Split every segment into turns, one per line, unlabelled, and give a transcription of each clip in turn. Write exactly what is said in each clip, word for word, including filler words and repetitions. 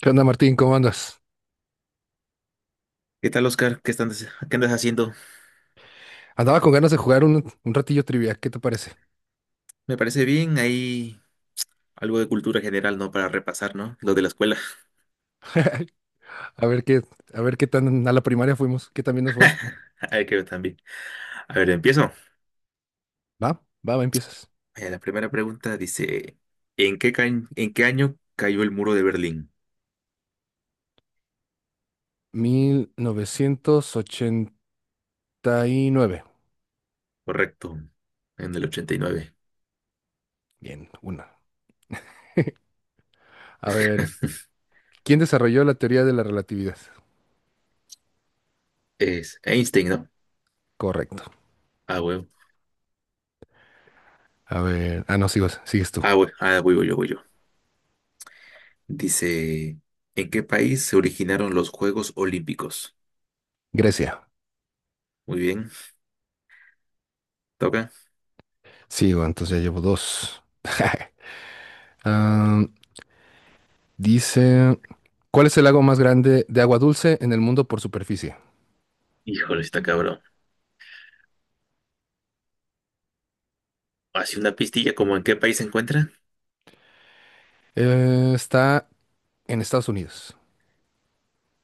¿Qué onda, Martín? ¿Cómo andas?
¿Qué tal, Oscar? ¿Qué están- ¿qué andas haciendo?
Andaba con ganas de jugar un, un ratillo trivia. ¿Qué te parece?
Me parece bien, hay algo de cultura general, ¿no? Para repasar, ¿no? Lo de la escuela.
A ver qué, a ver qué tan a la primaria fuimos, qué también nos fue.
Hay que ver también. A ver, empiezo.
Va, va, va, empiezas.
Eh, la primera pregunta dice, ¿en qué, ca- ¿en qué año cayó el muro de Berlín?
Mil novecientos ochenta y nueve.
Correcto, en el ochenta y nueve.
Bien, una. A ver, ¿quién desarrolló la teoría de la relatividad?
Es Einstein, ¿no?
Correcto.
Ah, bueno.
A ver, ah, no, sigo, sigues tú.
Ah, bueno. Ah, voy, voy yo, voy yo. Dice, ¿en qué país se originaron los Juegos Olímpicos?
Grecia.
Muy bien, toca.
Sigo, entonces ya llevo dos. Ah, dice, ¿cuál es el lago más grande de agua dulce en el mundo por superficie?
Híjole, está cabrón. Así una pistilla, ¿como en qué país se encuentra?
Eh, está en Estados Unidos.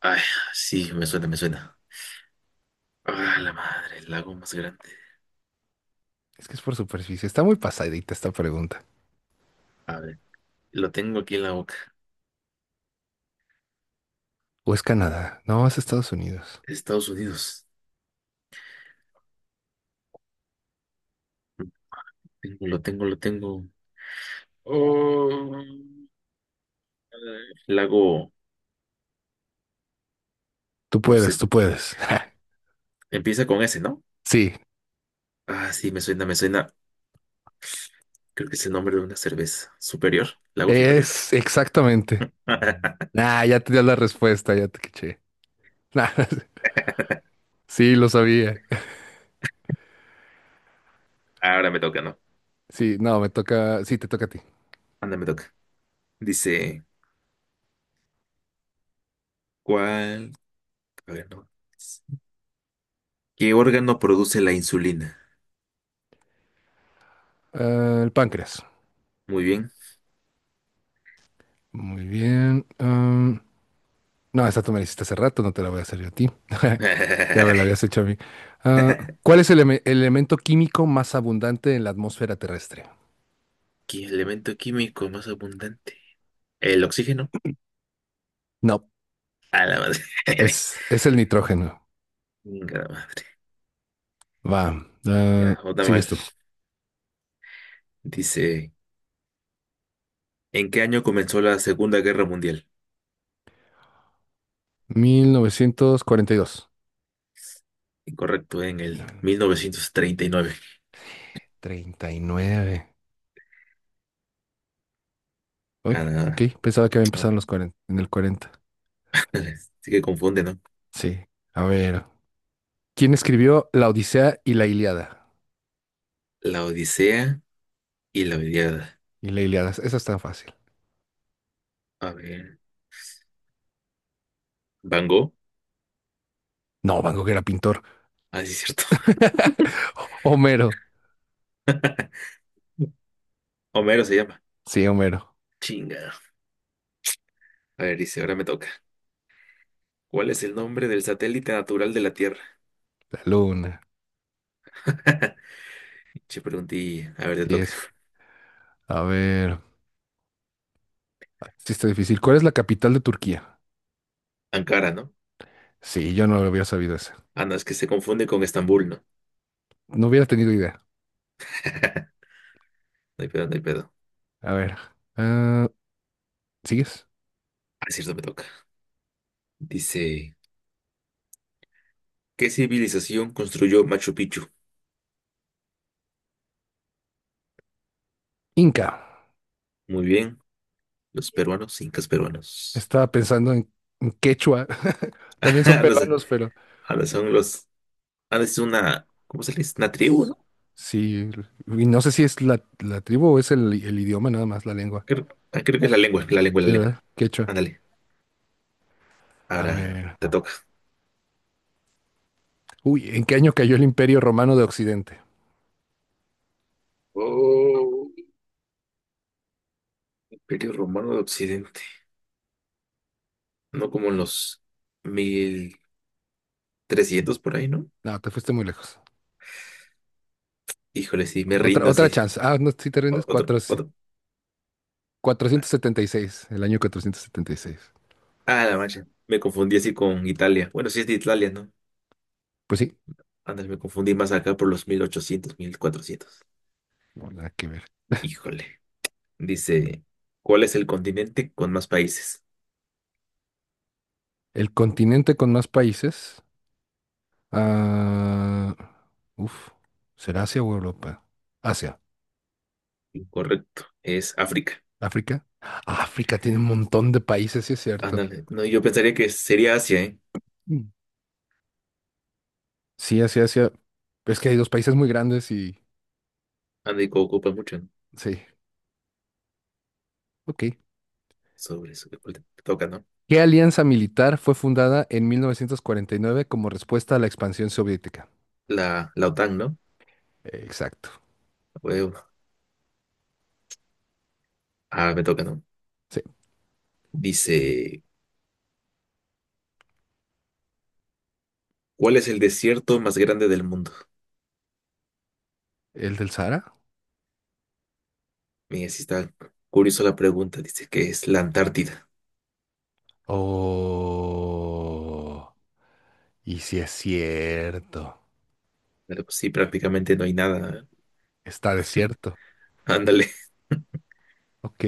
Ay, sí, me suena, me suena. Ah, la madre, el lago más grande.
Es que es por superficie. Está muy pasadita esta pregunta.
A ver, lo tengo aquí en la boca.
¿O es Canadá? No, es Estados Unidos.
Estados Unidos. Tengo- Lo tengo, lo tengo. Oh, eh, lago,
Tú
no
puedes,
sé.
tú puedes.
Empieza con S, ¿no?
Sí,
Ah, sí, me suena, me suena. Creo que es el nombre de una cerveza. Superior, lago superior.
es exactamente. Nah, ya te dio la respuesta, ya te caché. Nah, sí, lo sabía.
Ahora me toca, ¿no?
Sí, no, me toca. Sí, te toca a ti.
Anda, me toca. Dice, ¿cuál? A ver, no. ¿Qué órgano produce la insulina?
Ah, el páncreas.
Muy bien.
Muy bien. Ah, no, esta tú me la hiciste hace rato, no te la voy a hacer yo a ti. Ya me la habías hecho a mí. Ah, ¿cuál es el, eme- el elemento químico más abundante en la atmósfera terrestre?
¿Qué elemento químico más abundante? El oxígeno.
No,
A la madre.
Es, es el nitrógeno.
Venga, la madre.
Va. ah,
Ya, otra
sigues
mal.
tú.
Dice, ¿en qué año comenzó la Segunda Guerra Mundial?
mil novecientos cuarenta y dos.
Incorrecto, en el mil novecientos treinta y nueve.
treinta y nueve.
Ah,
Uy,
nada.
ok, pensaba que había
No.
empezado en los cuarenta, en el cuarenta.
Sí que confunde, ¿no?
Sí. A ver. ¿Quién escribió La Odisea y la Ilíada?
La Odisea y la Iliada.
Y la Ilíada, esa es tan fácil.
A ver. ¿Van Gogh?
No, Van Gogh era pintor.
Ah, sí, es cierto.
Homero.
Homero se llama.
Sí, Homero.
Chinga. A ver, dice, ahora me toca. ¿Cuál es el nombre del satélite natural de la Tierra?
La luna.
Che, pregunté. A ver, te
Sí,
toca.
es. A ver. Sí, está difícil. ¿Cuál es la capital de Turquía?
Ankara, ¿no?
Sí, yo no lo hubiera sabido esa.
Ah, no, es que se confunde con Estambul, ¿no?
No hubiera tenido idea.
No hay pedo, no hay pedo.
A ver. ah, ¿sigues?
Ah, es cierto, me toca. Dice, ¿qué civilización construyó Machu Picchu?
Inca.
Muy bien, los peruanos, incas peruanos.
Estaba pensando en, en quechua. También son
No sé,
peruanos, pero
ahora son los... Ah, es una... ¿Cómo se le dice? Una tribu,
pues,
¿no?
sí. Y no sé si es la, la tribu o es el, el idioma nada más, la lengua.
Creo, ah, creo que es la lengua, la lengua, la
Sí,
lengua.
¿verdad? Quechua.
Ándale,
A
ahora
ver.
te toca.
Uy, ¿en qué año cayó el Imperio Romano de Occidente?
Oh, Imperio Romano de Occidente. No, como en los mil trescientos por ahí, ¿no?
No, te fuiste muy lejos.
Híjole, sí, me
Otra,
rindo
otra
así.
chance. Ah, no, si te
O-
rindes,
Otro,
Cuatro- sí.
otro.
Cuatrocientos setenta y seis, el año cuatrocientos setenta y seis.
Ah, la mancha. Me confundí así con Italia. Bueno, sí es de Italia, ¿no?
Pues sí,
Antes me confundí más acá por los mil ochocientos mil cuatrocientos.
no nada que ver.
Híjole. Dice, ¿cuál es el continente con más países?
El continente con más países. Ah, uf, ¿será Asia o Europa? Asia.
Incorrecto, es África.
¿África? África tiene un montón de países, sí es cierto.
Ándale, no, yo pensaría que sería Asia, ¿eh?
Mm. Sí, Asia, Asia. Es que hay dos países muy grandes y...
Ándale, que ocupa mucho, ¿no?
Sí, ok.
Sobre eso, me toca, ¿no?
¿Qué alianza militar fue fundada en mil novecientos cuarenta y nueve como respuesta a la expansión soviética?
La, la O T A N, ¿no?
Exacto.
Huevo. Ah, me toca, ¿no?
Sí.
Dice, ¿cuál es el desierto más grande del mundo?
¿El del Sahara?
Mira, sí está curiosa la pregunta, dice que es la Antártida.
Oh. Y sí es cierto.
Pero pues sí, prácticamente no hay nada, ¿eh?
Está desierto.
Ándale.
Ok.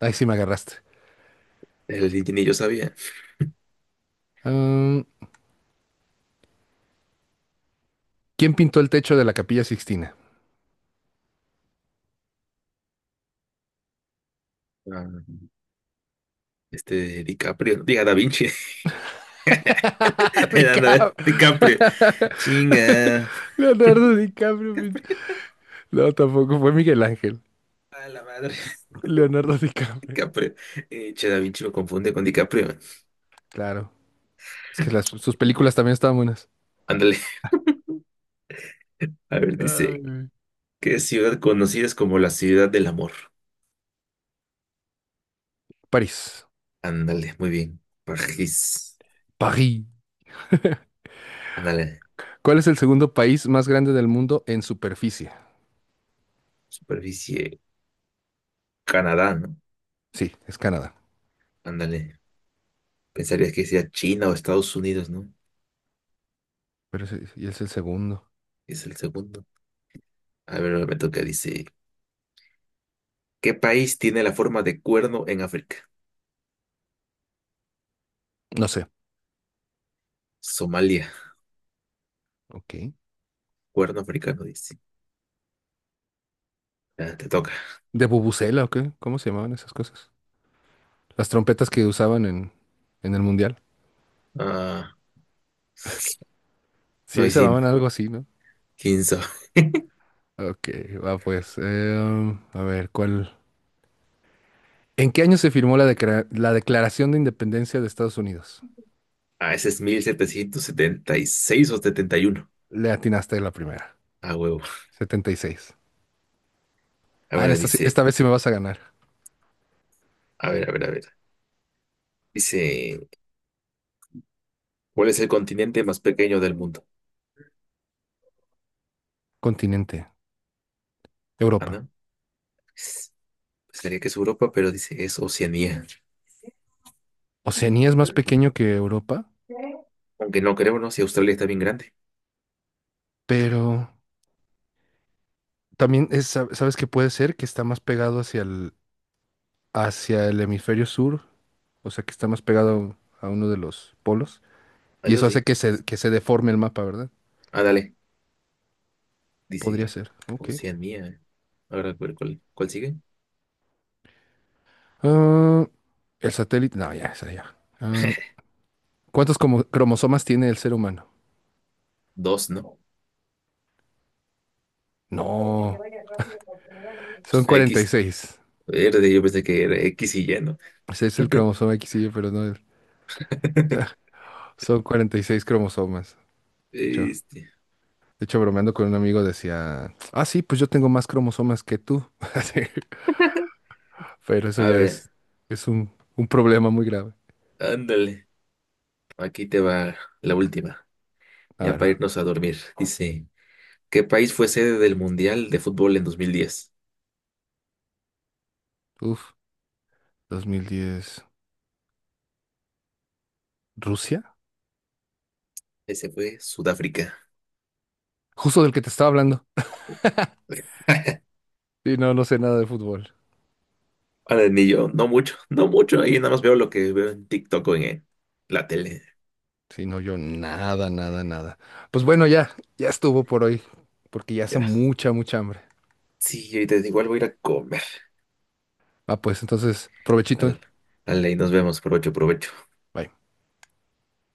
Ahí sí me agarraste.
El ni yo sabía.
Mm, ¿quién pintó el techo de la Capilla Sixtina?
Ah. Este, DiCaprio. Diga, Da Vinci. Ándale,
DiCap-
DiCaprio. Chinga.
Leonardo DiCaprio. mi- No, tampoco fue Miguel Ángel.
A la madre.
Leonardo DiCaprio.
DiCaprio. Eh, che, Da Vinci lo confunde con DiCaprio.
Claro. Es que las- sus películas también estaban buenas.
Ándale. A ver,
Ay,
dice,
güey.
¿qué ciudad conocida es como la ciudad del amor?
París.
Ándale, muy bien. París.
París.
Ándale.
¿Cuál es el segundo país más grande del mundo en superficie?
Superficie. Canadá, ¿no?
Sí, es Canadá.
Ándale. Pensarías que sea China o Estados Unidos, ¿no?
Pero es, y es el segundo.
Es el segundo. A ver, ahora me toca. Dice, ¿qué país tiene la forma de cuerno en África?
No sé.
Somalia.
Ok.
Cuerno africano, dice. Ah, te toca.
¿De bubucela o qué? ¿Cómo se llamaban esas cosas? Las trompetas que usaban en, en el mundial.
Ah,
Sí, se
Noisín,
llamaban algo así, ¿no?
quince.
Ok, va pues. eh, a ver, ¿cuál? ¿En qué año se firmó la, decra- la Declaración de Independencia de Estados Unidos?
Ah, ese es mil setecientos setenta y seis o setenta y uno.
Le atinaste la primera.
Ah, huevo.
Setenta y seis. Ah, en
Ahora
esta, sí-
dice,
esta vez sí me vas a ganar.
a ver, a ver, a ver. Dice, ¿cuál es el continente más pequeño del mundo?
Continente,
Ah,
Europa.
no. Pensaría que es Europa, pero dice es Oceanía.
Oceanía es más pequeño que Europa,
Aunque no creo, ¿no? Si Australia está bien grande.
pero también es, sab- sabes que puede ser que está más pegado hacia el, hacia el hemisferio sur, o sea que está más pegado a uno de los polos,
Ah,
y
eso
eso hace
sí.
que se, que se deforme el mapa, ¿verdad?
Ah, dale. Dice
Podría ser. Ok.
Oceanía. Ahora, ¿cuál, cuál, cuál sigue?
Ah, el satélite. No, ya, esa ya. Ah, ¿cuántos como- cromosomas tiene el ser humano?
Dos, ¿no?
No, son
X.
cuarenta y seis.
Verde, yo pensé que era X y y ¿no?
Ese es el cromosoma X Y, pero no es. Son cuarenta y seis cromosomas. De hecho,
Este,
de hecho, bromeando con un amigo decía, ah, sí, pues yo tengo más cromosomas que tú. Así, pero eso
a
ya
ver,
es, es un, un problema muy grave.
ándale. Aquí te va la última,
A
ya
ver,
para irnos a dormir. Dice, ¿qué país fue sede del Mundial de Fútbol en dos mil diez?
uf, dos mil diez, ¿Rusia?
Ese fue Sudáfrica.
Justo del que te estaba hablando. Y no, no sé nada de fútbol.
Ahora ni yo, no mucho, no mucho. Ahí nada más veo lo que veo en TikTok o en eh, la tele.
Sí, no, yo nada, nada, nada. Pues bueno, ya, ya estuvo por hoy, porque ya hace
Ya.
mucha, mucha hambre.
Sí, ahorita igual voy a ir a comer.
Ah, pues entonces, provechito.
Dale, dale, y nos vemos. Provecho, provecho.
Bye.